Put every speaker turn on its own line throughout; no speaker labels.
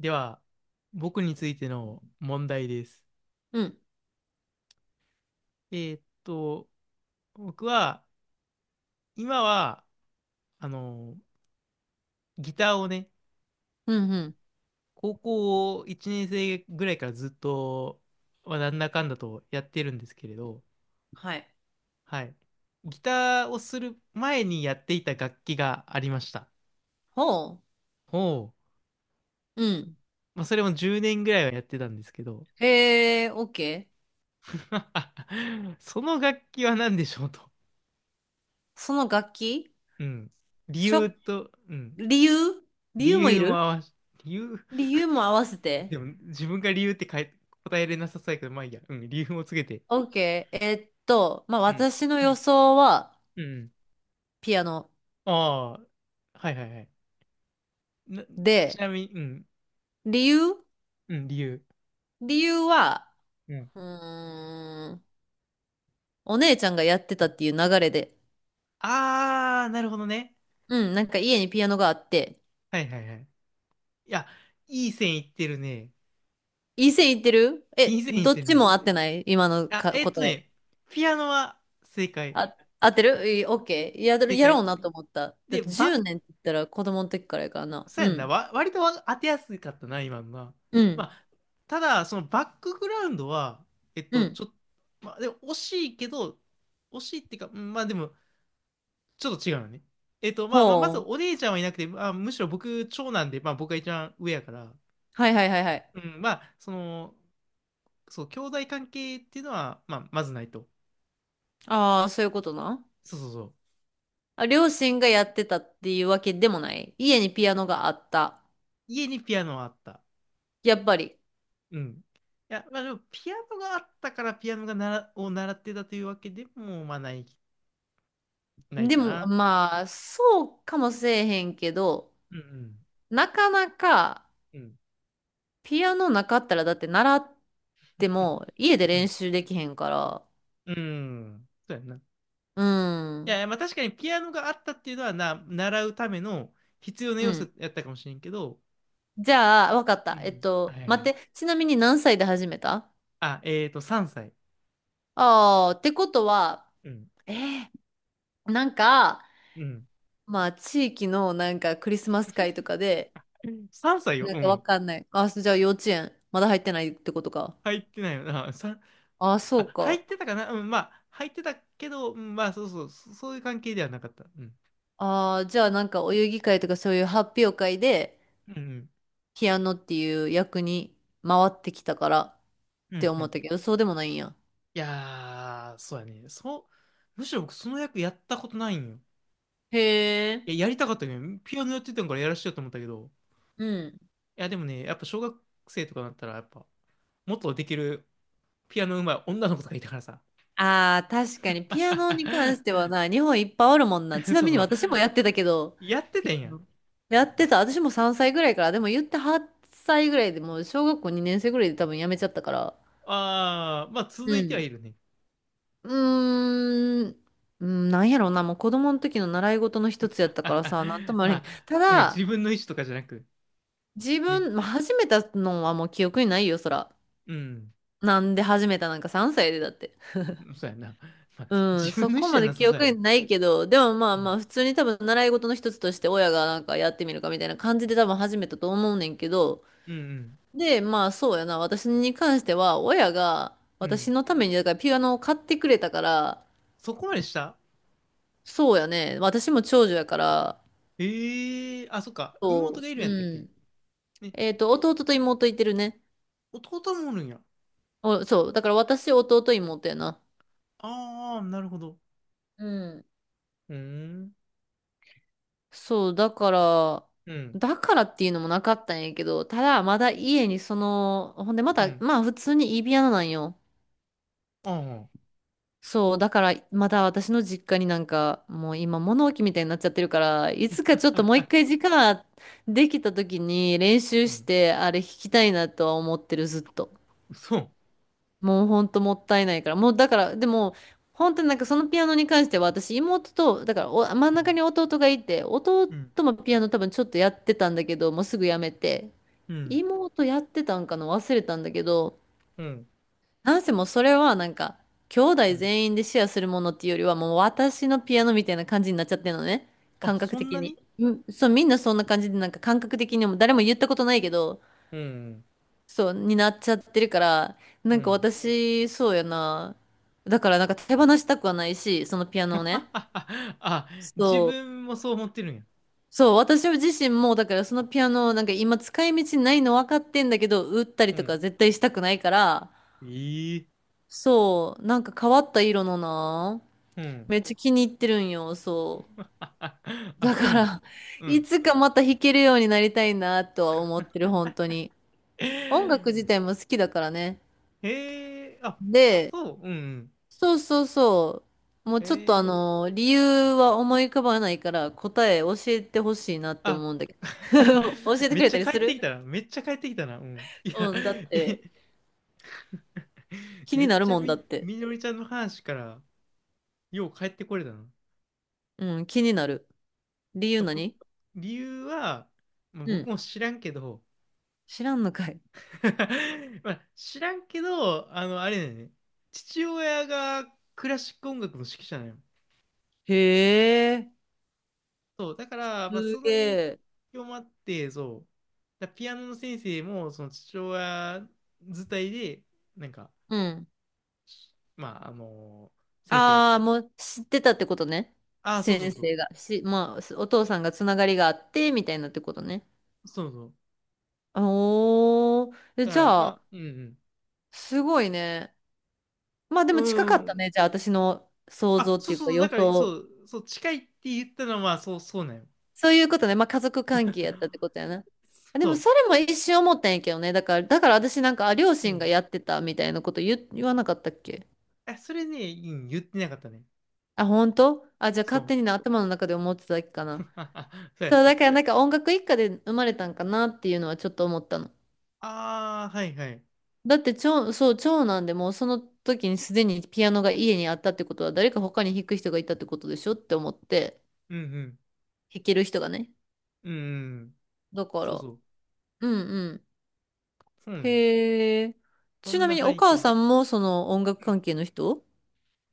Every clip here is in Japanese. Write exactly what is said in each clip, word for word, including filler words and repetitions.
では、僕についての問題です。
うん、
えーっと、僕は、今は、あの、ギターをね、
うん、うん。
高校いちねん生ぐらいからずっと、まあなんだかんだとやってるんですけれど、
はい。
はい。ギターをする前にやっていた楽器がありました。
ほ
ほう。
うん。うん。
まあ、それもじゅうねんぐらいはやってたんですけど、
へえ、オッケー。OK
その楽器は何でしょうと。
その楽器
うん。理
しょ、
由と、うん。
理由理
理
由もい
由も合
る
わし、理由
理由も合わせて。
でも、自分が理由ってかえ答えれなさそうやけど、まあいいや。うん、理由を告げて。
オッケー。えっと、まあ、
うん。
私の予想は
うん。
ピアノ
ああ、はいはいはい。な、ち
で、
なみに、うん、
理由
うん、理由。
理由は、
うん。
うーん、お姉ちゃんがやってたっていう流れで。
ああ、なるほどね。
うん、なんか家にピアノがあって。
はいはいはい。いや、いい線いってるね。
いい線いってる
いい
え、
線いっ
どっ
てる
ち
ね。
も合ってない今の
あ、
か
えっと
答え。
ね、ピアノは正解。
あ、合ってるいい、オッケー。やる、
正
やろ
解。
うなと思った。だっ
で、
て
バッ
じゅうねんって言ったら子供の時からやからな。
そう
う
やんな。
ん。
わ、割とわ当てやすかったな、今のな。
う
ま
ん。
あ、ただ、そのバックグラウンドは、えっ
う
と、
ん。
ちょっと、まあ、でも惜しいけど、惜しいっていうか、うんまあでも、ちょっと違うのね。えっと、まあ、まあ、まず
ほ
お
う。
姉ちゃんはいなくて、まあ、むしろ僕、長男で、まあ僕が一番上やから、
はいはいはいはい。
うん、まあ、その、そう、兄弟関係っていうのは、まあ、まずないと。
ああ、そういうことな。
そうそうそう。
あ、両親がやってたっていうわけでもない。家にピアノがあった。
家にピアノはあった。
やっぱり。
うん。いや、まあでも、ピアノがあったから、ピアノがなら、を習ってたというわけでも、まあない、ない
で
か
も、
な。
まあ、そうかもせえへんけど、
うん
なかなか、
うん。
ピアノなかったら、だって習って
うん。
も、家で
う
練
ん。
習できへんから。
うんそうやんな。い
う
や
ん。
いや、まあ確かにピアノがあったっていうのはな、習うための必要な
う
要素
ん。
やったかもしれんけど、
じゃあ、わかっ
う
た。えっ
ん。は
と、
いは
待
い。
って。ちなみに何歳で始めた？
あ、えーと、さんさい。
ああー、ってことは、
うん。
えー、なんか、
うん。
まあ、地域のなんかクリスマス会とかで、
さんさいよ。
なん
う
かわ
ん。
かんない。あ、じゃあ幼稚園、まだ入ってないってことか。
入ってないよな。さん、
ああ、そう
あ、入
か。
ってたかなうん、まあ、入ってたけど、うん、まあ、そうそう、そそういう関係ではなかった。うん。
ああ、じゃあなんかお遊戯会とかそういう発表会で、
うんうん。
ピアノっていう役に回ってきたからっ
う
て
んう
思っ
ん。
たけど、そうでもないんや。
いやー、そうやね。そう、むしろ僕その役やったことないんよ。
へ
い
え。
や、やりたかったけど、ピアノやってたんからやらしようと思ったけど、
うん。
いや、でもね、やっぱ小学生とかだったら、やっぱ、もっとできるピアノ上手い女の子とかいたからさ。
ああ、確かに、ピアノに関しては な、日本いっぱいあるもんな。ちな
そう
みに
そう。
私もやってたけど、
やってて
ピ
ん
ア
や。
ノ。やってた。私もさんさいぐらいから、でも言ってはっさいぐらいでもう小学校にねん生ぐらいで多分やめちゃったから。
ああ、まあ続
う
いては
ん。
いるね。
うーん。うん、なんやろうな、もう子供の時の習い事の一つやったからさ、なんと もあ
ま
れん。
あ、
た
なんか
だ、
自分の意思とかじゃなく、
自
ね。
分、まあ、始めたのはもう記憶にないよ、そら。
うん。
なんで始めたなんかさんさいでだって。
そうやな。まあ、
うん、
自分の
そ
意思
こ
じ
ま
ゃ
で
なさ
記
そうや
憶
な。
にないけど、でもまあ
う
ま
ん。
あ、普通に多分習い事の一つとして親がなんかやってみるかみたいな感じで多分始めたと思うねんけど、
うん
で、まあそうやな、私に関しては親が
うん。う
私
ん。
のためにだからピアノを買ってくれたから、
そこまでした
そうやね、私も長女やから、
ええー、あ、そっか。妹
そ
がいるん
う、
やったっ
う
け
ん。
ね。
えっと、弟と妹いてるね。
弟もおるんや。
お、そう、だから私、弟、妹やな。
ああ、なるほど。
うん、
うーん。
そう、だから、
うん。
だからっていうのもなかったんやけど、ただまだ家にその、ほんでま
う
た、
ん。
まあ普通にイビアナなんよ。
ああ。
そう、だからまだ私の実家になんか、もう今物置みたいになっちゃってるから、いつかち
あ、
ょっともう一
あ、
回時間できた時に練習
う
し
ん、
て、あれ弾きたいなとは思ってる、ずっと。
そう。
もうほんともったいないから。もうだから、でも、本当になんかそのピアノに関しては私妹と、だからお真
う
ん中
ん、
に弟がいて、弟
うん、
もピアノ多分ちょっとやってたんだけど、もうすぐやめて。
うん、
妹やってたんかな忘れたんだけど、
うん、
なんせもうそれはなんか、兄
う
弟
ん。
全員でシェアするものっていうよりはもう私のピアノみたいな感じになっちゃってるのね。
あ、
感覚
そん
的
な
に。
に
うん、そう、みんなそんな感じでなんか感覚的にも誰も言ったことないけど、
うん、
そう、になっちゃってるから、
う
なんか
ん。
私、そうやな。だからなんか手放したくはないし、そのピアノを ね。
あ、自
そう。
分もそう思ってるんや。
そう、私自身も、だからそのピアノをなんか今使い道ないの分かってんだけど、売ったり
う
と
ん、
か絶対したくないから、
ええ
そう、なんか変わった色のな。
うん。
めっちゃ気に入ってるんよ、そ う。
あ、
だ
そう
か
なん。
ら、
う
い
ん。
つかまた弾けるようになりたいなとは思ってる、本当に。音楽
へ
自体も好きだからね。
えあ、
で、
そう、うん。
そうそうそう。もう
え
ちょっとあ
え、
の、理由は思い浮かばないから答え教えてほしいなって
あ、
思うんだけど。教え て
め
く
っ
れ
ち
た
ゃ
り
帰
す
ってき
る？
たな。めっちゃ帰ってきたな。うん。いや、
うん、だって
え、
気
め
に
っ
なる
ちゃ
もんだっ
み、
て。
みのりちゃんの話から、よう帰ってこれたな。
うん、気になる。理由
こ
何？
理由は、まあ、
う
僕
ん。
も知らんけど、
知らんのかい。
まあ、知らんけど、あの、あれだよね。父親がクラシック音楽の指揮者なの。
へえ、
そう、だから、まあ、
す
その
げ
影
え。
響もあって、そう、だピアノの先生も、その父親伝いで、なんか、
うん。
まあ、あの先生が、
ああ、もう知ってたってことね。
ああ、そうそ
先
うそう、
生が。し、まあ、お父さんがつながりがあって、みたいなってことね。
そうそう。
おー。え
だか
じ
ら、ま
ゃあ、
あ、うん
すごいね。まあで
う
も近か
ん。う
った
ん。
ね。じゃあ私の想
あ、
像っ
そ
て
う
い
そ
う
う
か
そう、
予
だから、そ
想。
う、そう、近いって言ったのは、そう、そうなんよ。
そういうことね。まあ家族関係やったってことやな。あで
そ
も
う。
それも一瞬思ったんやけどね。だから、だから私なんか、あ、両
う
親が
ん。
やってたみたいなこと言、言わなかったっけ？
あ、それね、うん、言ってなかったね。
あ、本当あ、じゃあ
そ
勝
う。
手にな頭の中で思ってただけかな。
あ、あ、そうや
そう、だからなんか音楽一家で生まれたんかなっていうのはちょっと思ったの。
ああ、はいはい。
だって長、そう、長男でもうその時にすでにピアノが家にあったってことは誰か他に弾く人がいたってことでしょって思って、
うんうん。
弾ける人がね。
うんうん。
だか
そうそ
ら、
う。
うんうん。
そうね。
へえ。
そ
ち
ん
なみ
な
にお
背景
母
も。
さんもその音楽
うん。
関係の人？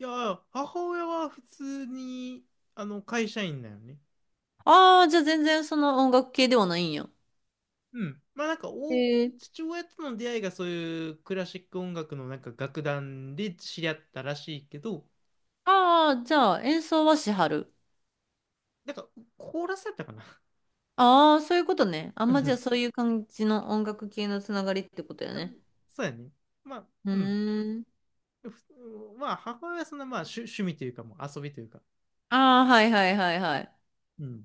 いや、母親は普通に、あの、会社員だよね。
ああー、じゃあ全然その音楽系ではないんや。
うん。まあなんか、お、
へえ。
父親との出会いがそういうクラシック音楽のなんか楽団で知り合ったらしいけど、
ああ、じゃあ演奏はしはる。
なんか、コーラスだったかな。
ああ、そういうことね。あ
う
んまじゃあ
ん。
そういう感じの音楽系のつながりってことや
あ
ね。
そうやね。まあ、
う
うん。
ーん。
まあ、母親はそんな、まあ、趣趣味というか、もう遊びというか、
ああ、はいはいはいは
うん、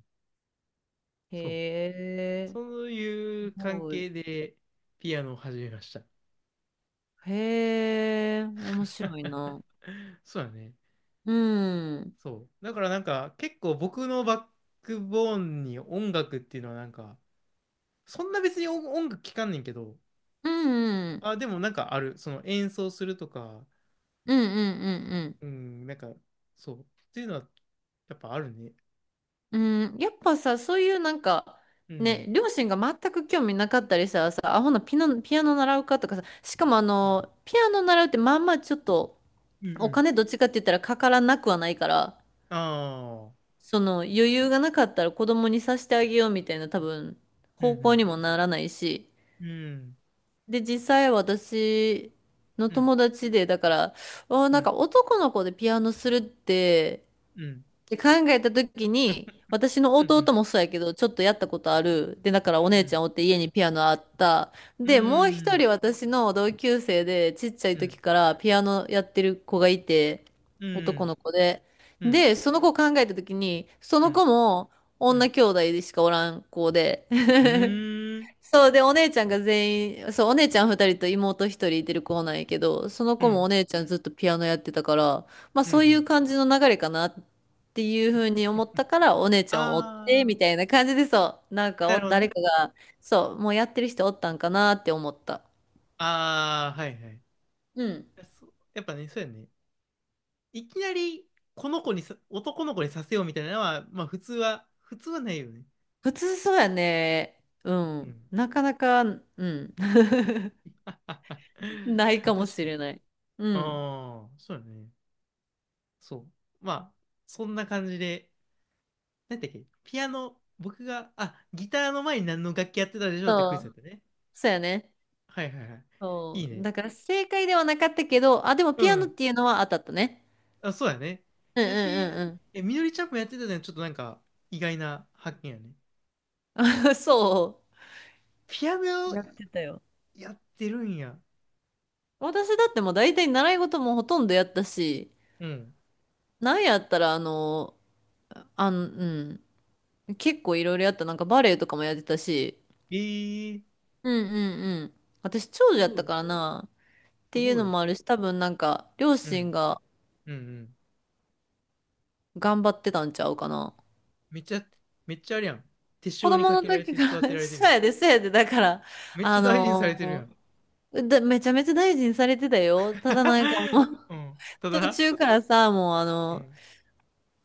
い。
そう。
へえ。
そうい
す
う関
ごい。
係でピアノを始めました。
へえ。面白いな。
そうだね。
うん。うん
そう。だからなんか、結構僕のバックボーンに音楽っていうのはなんか、そんな別に音音楽聴かんねんけど、
うん。
あ、でもなんかある。その演奏するとか、
うんうんうんうん。
うん、なんか、そう。っていうのは、やっぱあるね。
うん、やっぱさ、そういうなんか、
う
ね、
ん。
両親が全く興味なかったりしたらさ、アホなピノ、ピアノ習うかとかさ、しかもあの、ピアノ習うってまあまあちょっと、
うんう
お
ん。
金どっちかって言ったらかからなくはないから、
ああ。
その余裕がなかったら子供にさせてあげようみたいな多分、
うん
方向
う
にもならないし、
ん。うん。
で、実際私の
うん。
友達で、だから、あー
う
なん
ん。
か男の子でピアノするって、
うん。
で考えた時に私の
う
弟
ん、
もそうやけどちょっとやったことあるでだから
う
お姉ちゃ
ん、
んおって家にピアノあった
う
でもう一
ん、
人私の同級生でちっちゃい
う
時
ん、
からピアノやってる子がいて
う
男
ん、
の子で
うん、
でその子を考えた時にそ
う
の
ん、
子も
うん、う
女
ん、
兄弟でしかおらん子で
う ん、
そうで、お姉ちゃんが全員、そう、お姉ちゃん二人と妹一人いてる子なんやけど、その子もお姉ちゃんずっとピアノやってたから、まあ
うん、う
そうい
ん。
う感じの流れかなっていうふうに思ったから、お姉ちゃんを追って、
あ
みたいな感じでそう、なん
あ、
か
な
お、
るほど
誰
ね。
かが、そう、もうやってる人おったんかなって思った。
ああ、はいはい。
うん。
そう、やっぱね、そうやね。いきなり、この子にさ、男の子にさせようみたいなのは、まあ普通は、普通はないよね。
普通そうやね。う
う
ん。
ん。
なかなか、うん。ないかも
確
し
かに。
れない。うん。
ああ、そうだね。そう。まあ、そんな感じで、なんだっけ、ピアノ、僕が、あ、ギターの前に何の楽器やってたでしょうってクイ
そ
ズだっ
う。
たね。
そうやね。
はいはいはい。い
そ
い
う。
ね。
だから正解ではなかったけど、あ、でも
う
ピアノっ
ん。
ていうのは当たったね。
あ、そうやね。
うん
やし、
うん
え、みのりちゃんもやってたのはちょっとなんか意外な発見やね。
うんうん。そ
ピアノ
う。
を
やってたよ。
やってるんや。
私だってもう大体習い事もほとんどやったし、
うん。
なんやったらあの、あの、うん。結構いろいろやった。なんかバレエとかもやってたし。
えー、
うんうんうん。私長女
す
やっ
ご
た
い、
からな。っ
す
ていう
ご
の
い。
もあるし、多分なんか両
う
親
ん、
が
うん、うん。
頑張ってたんちゃうかな。
めっちゃ、めっちゃあれやん。手
子
塩に
供
か
の
けられ
時
て
か
育てら
ら
れてる
そ
や
う
ん。
やで、そうやで、だから、
めっちゃ
あ
大事にされてるや
の
ん。
ーだ、めちゃめちゃ大事にされてたよ。ただなんかもう
うん。た
途
だ、
中からさ、もうあ
う
の、
ん。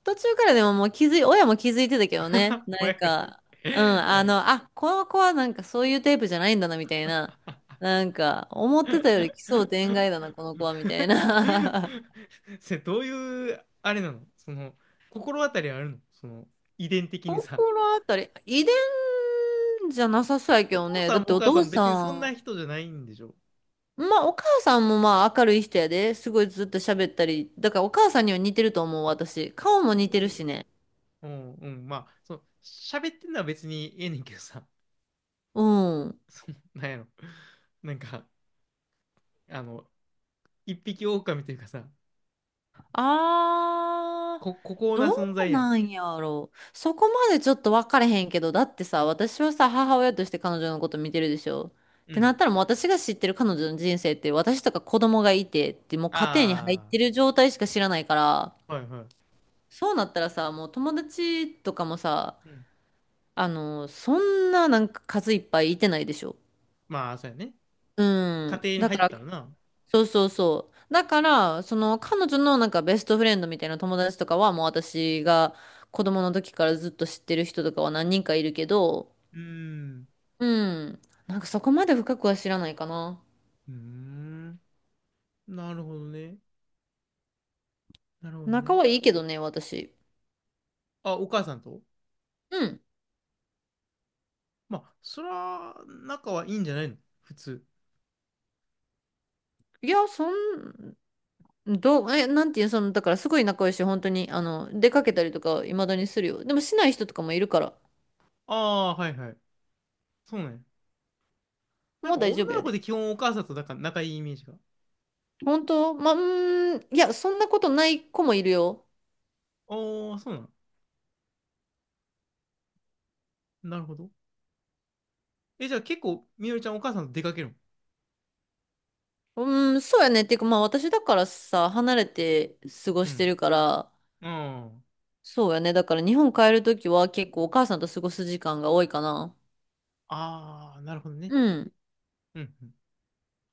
途中からでももう気づい、親も気づいてたけどね。な
お前
ん
から。
か、うん、
う
あ
ん。
の、あ、この子はなんかそういうタイプじゃないんだな、みたいな。なんか、思ってたより奇想天 外だな、この子は、みたいな。
それどういう、あれなのその、心当たりあるのその、遺伝 的に
心
さ。
当たり、遺伝じゃなさそうやけ
お
ど
父
ね。
さ
だ
ん
っ
も
て
お
お
母さん
父
も
さ
別にそんな
ん、
人じゃないんでしょ？
まあお母さんもまあ明るい人やで。すごいずっと喋ったり。だからお母さんには似てると思う、私。顔も
う
似てる
ん、
しね。
うん、うんまあ、そう、喋ってんのは別にええねんけどさ、
うん。
その、なんやろ。なんか、あの、一匹狼というかさ、
あー、
こ、孤高な
ど
存在
う
やん。
なんやろ、そこまでちょっと分かれへんけど、だってさ、私はさ、母親として彼女のこと見てるでしょ。っ
う
てな
ん。
ったらもう私が知ってる彼女の人生って、私とか子供がいてって、もう家庭に入っ
あ
てる状態しか知らないから、
あ、はいは
そうなったらさ、もう友達とかもさ、
い。うん。
あの、そんななんか数いっぱいいてないでしょ。
まあ、そうやね。
う
家
ん。
庭に
だ
入
か
っ
ら
たらな。
そうそうそう。だから、その彼女のなんかベストフレンドみたいな友達とかはもう私が子供の時からずっと知ってる人とかは何人かいるけど、
うーん。
うん。なんかそこまで深くは知らないかな。
うーん。なるほどね。なるほど
仲
ね。
はいいけどね、私。
あ、お母さんと？
うん。
まあ、そら、仲はいいんじゃないの？普通。
いや、そん、どう、え、なんていう、その、だからすごい仲良いし、本当に、あの、出かけたりとか、未だにするよ。でもしない人とかもいるから、
ああー、はいはい。そうなんや。なん
もう
か
大
女
丈夫
の
や
子
で。
で基本お母さんとなんか仲いいイメージが。
本当、まあ、うーん、いや、そんなことない子もいるよ。
ああ、そうなの。なるほど。え、じゃあ結構、みのりちゃんお母さんと出かけるの？
うん、そうやね。っていうか、まあ私だからさ、離れて過ご
う
して
ん。
るから、
あん。
そうやね。だから日本帰るときは結構お母さんと過ごす時間が多いかな。
ああ、なるほどね。
うん。
うんうん。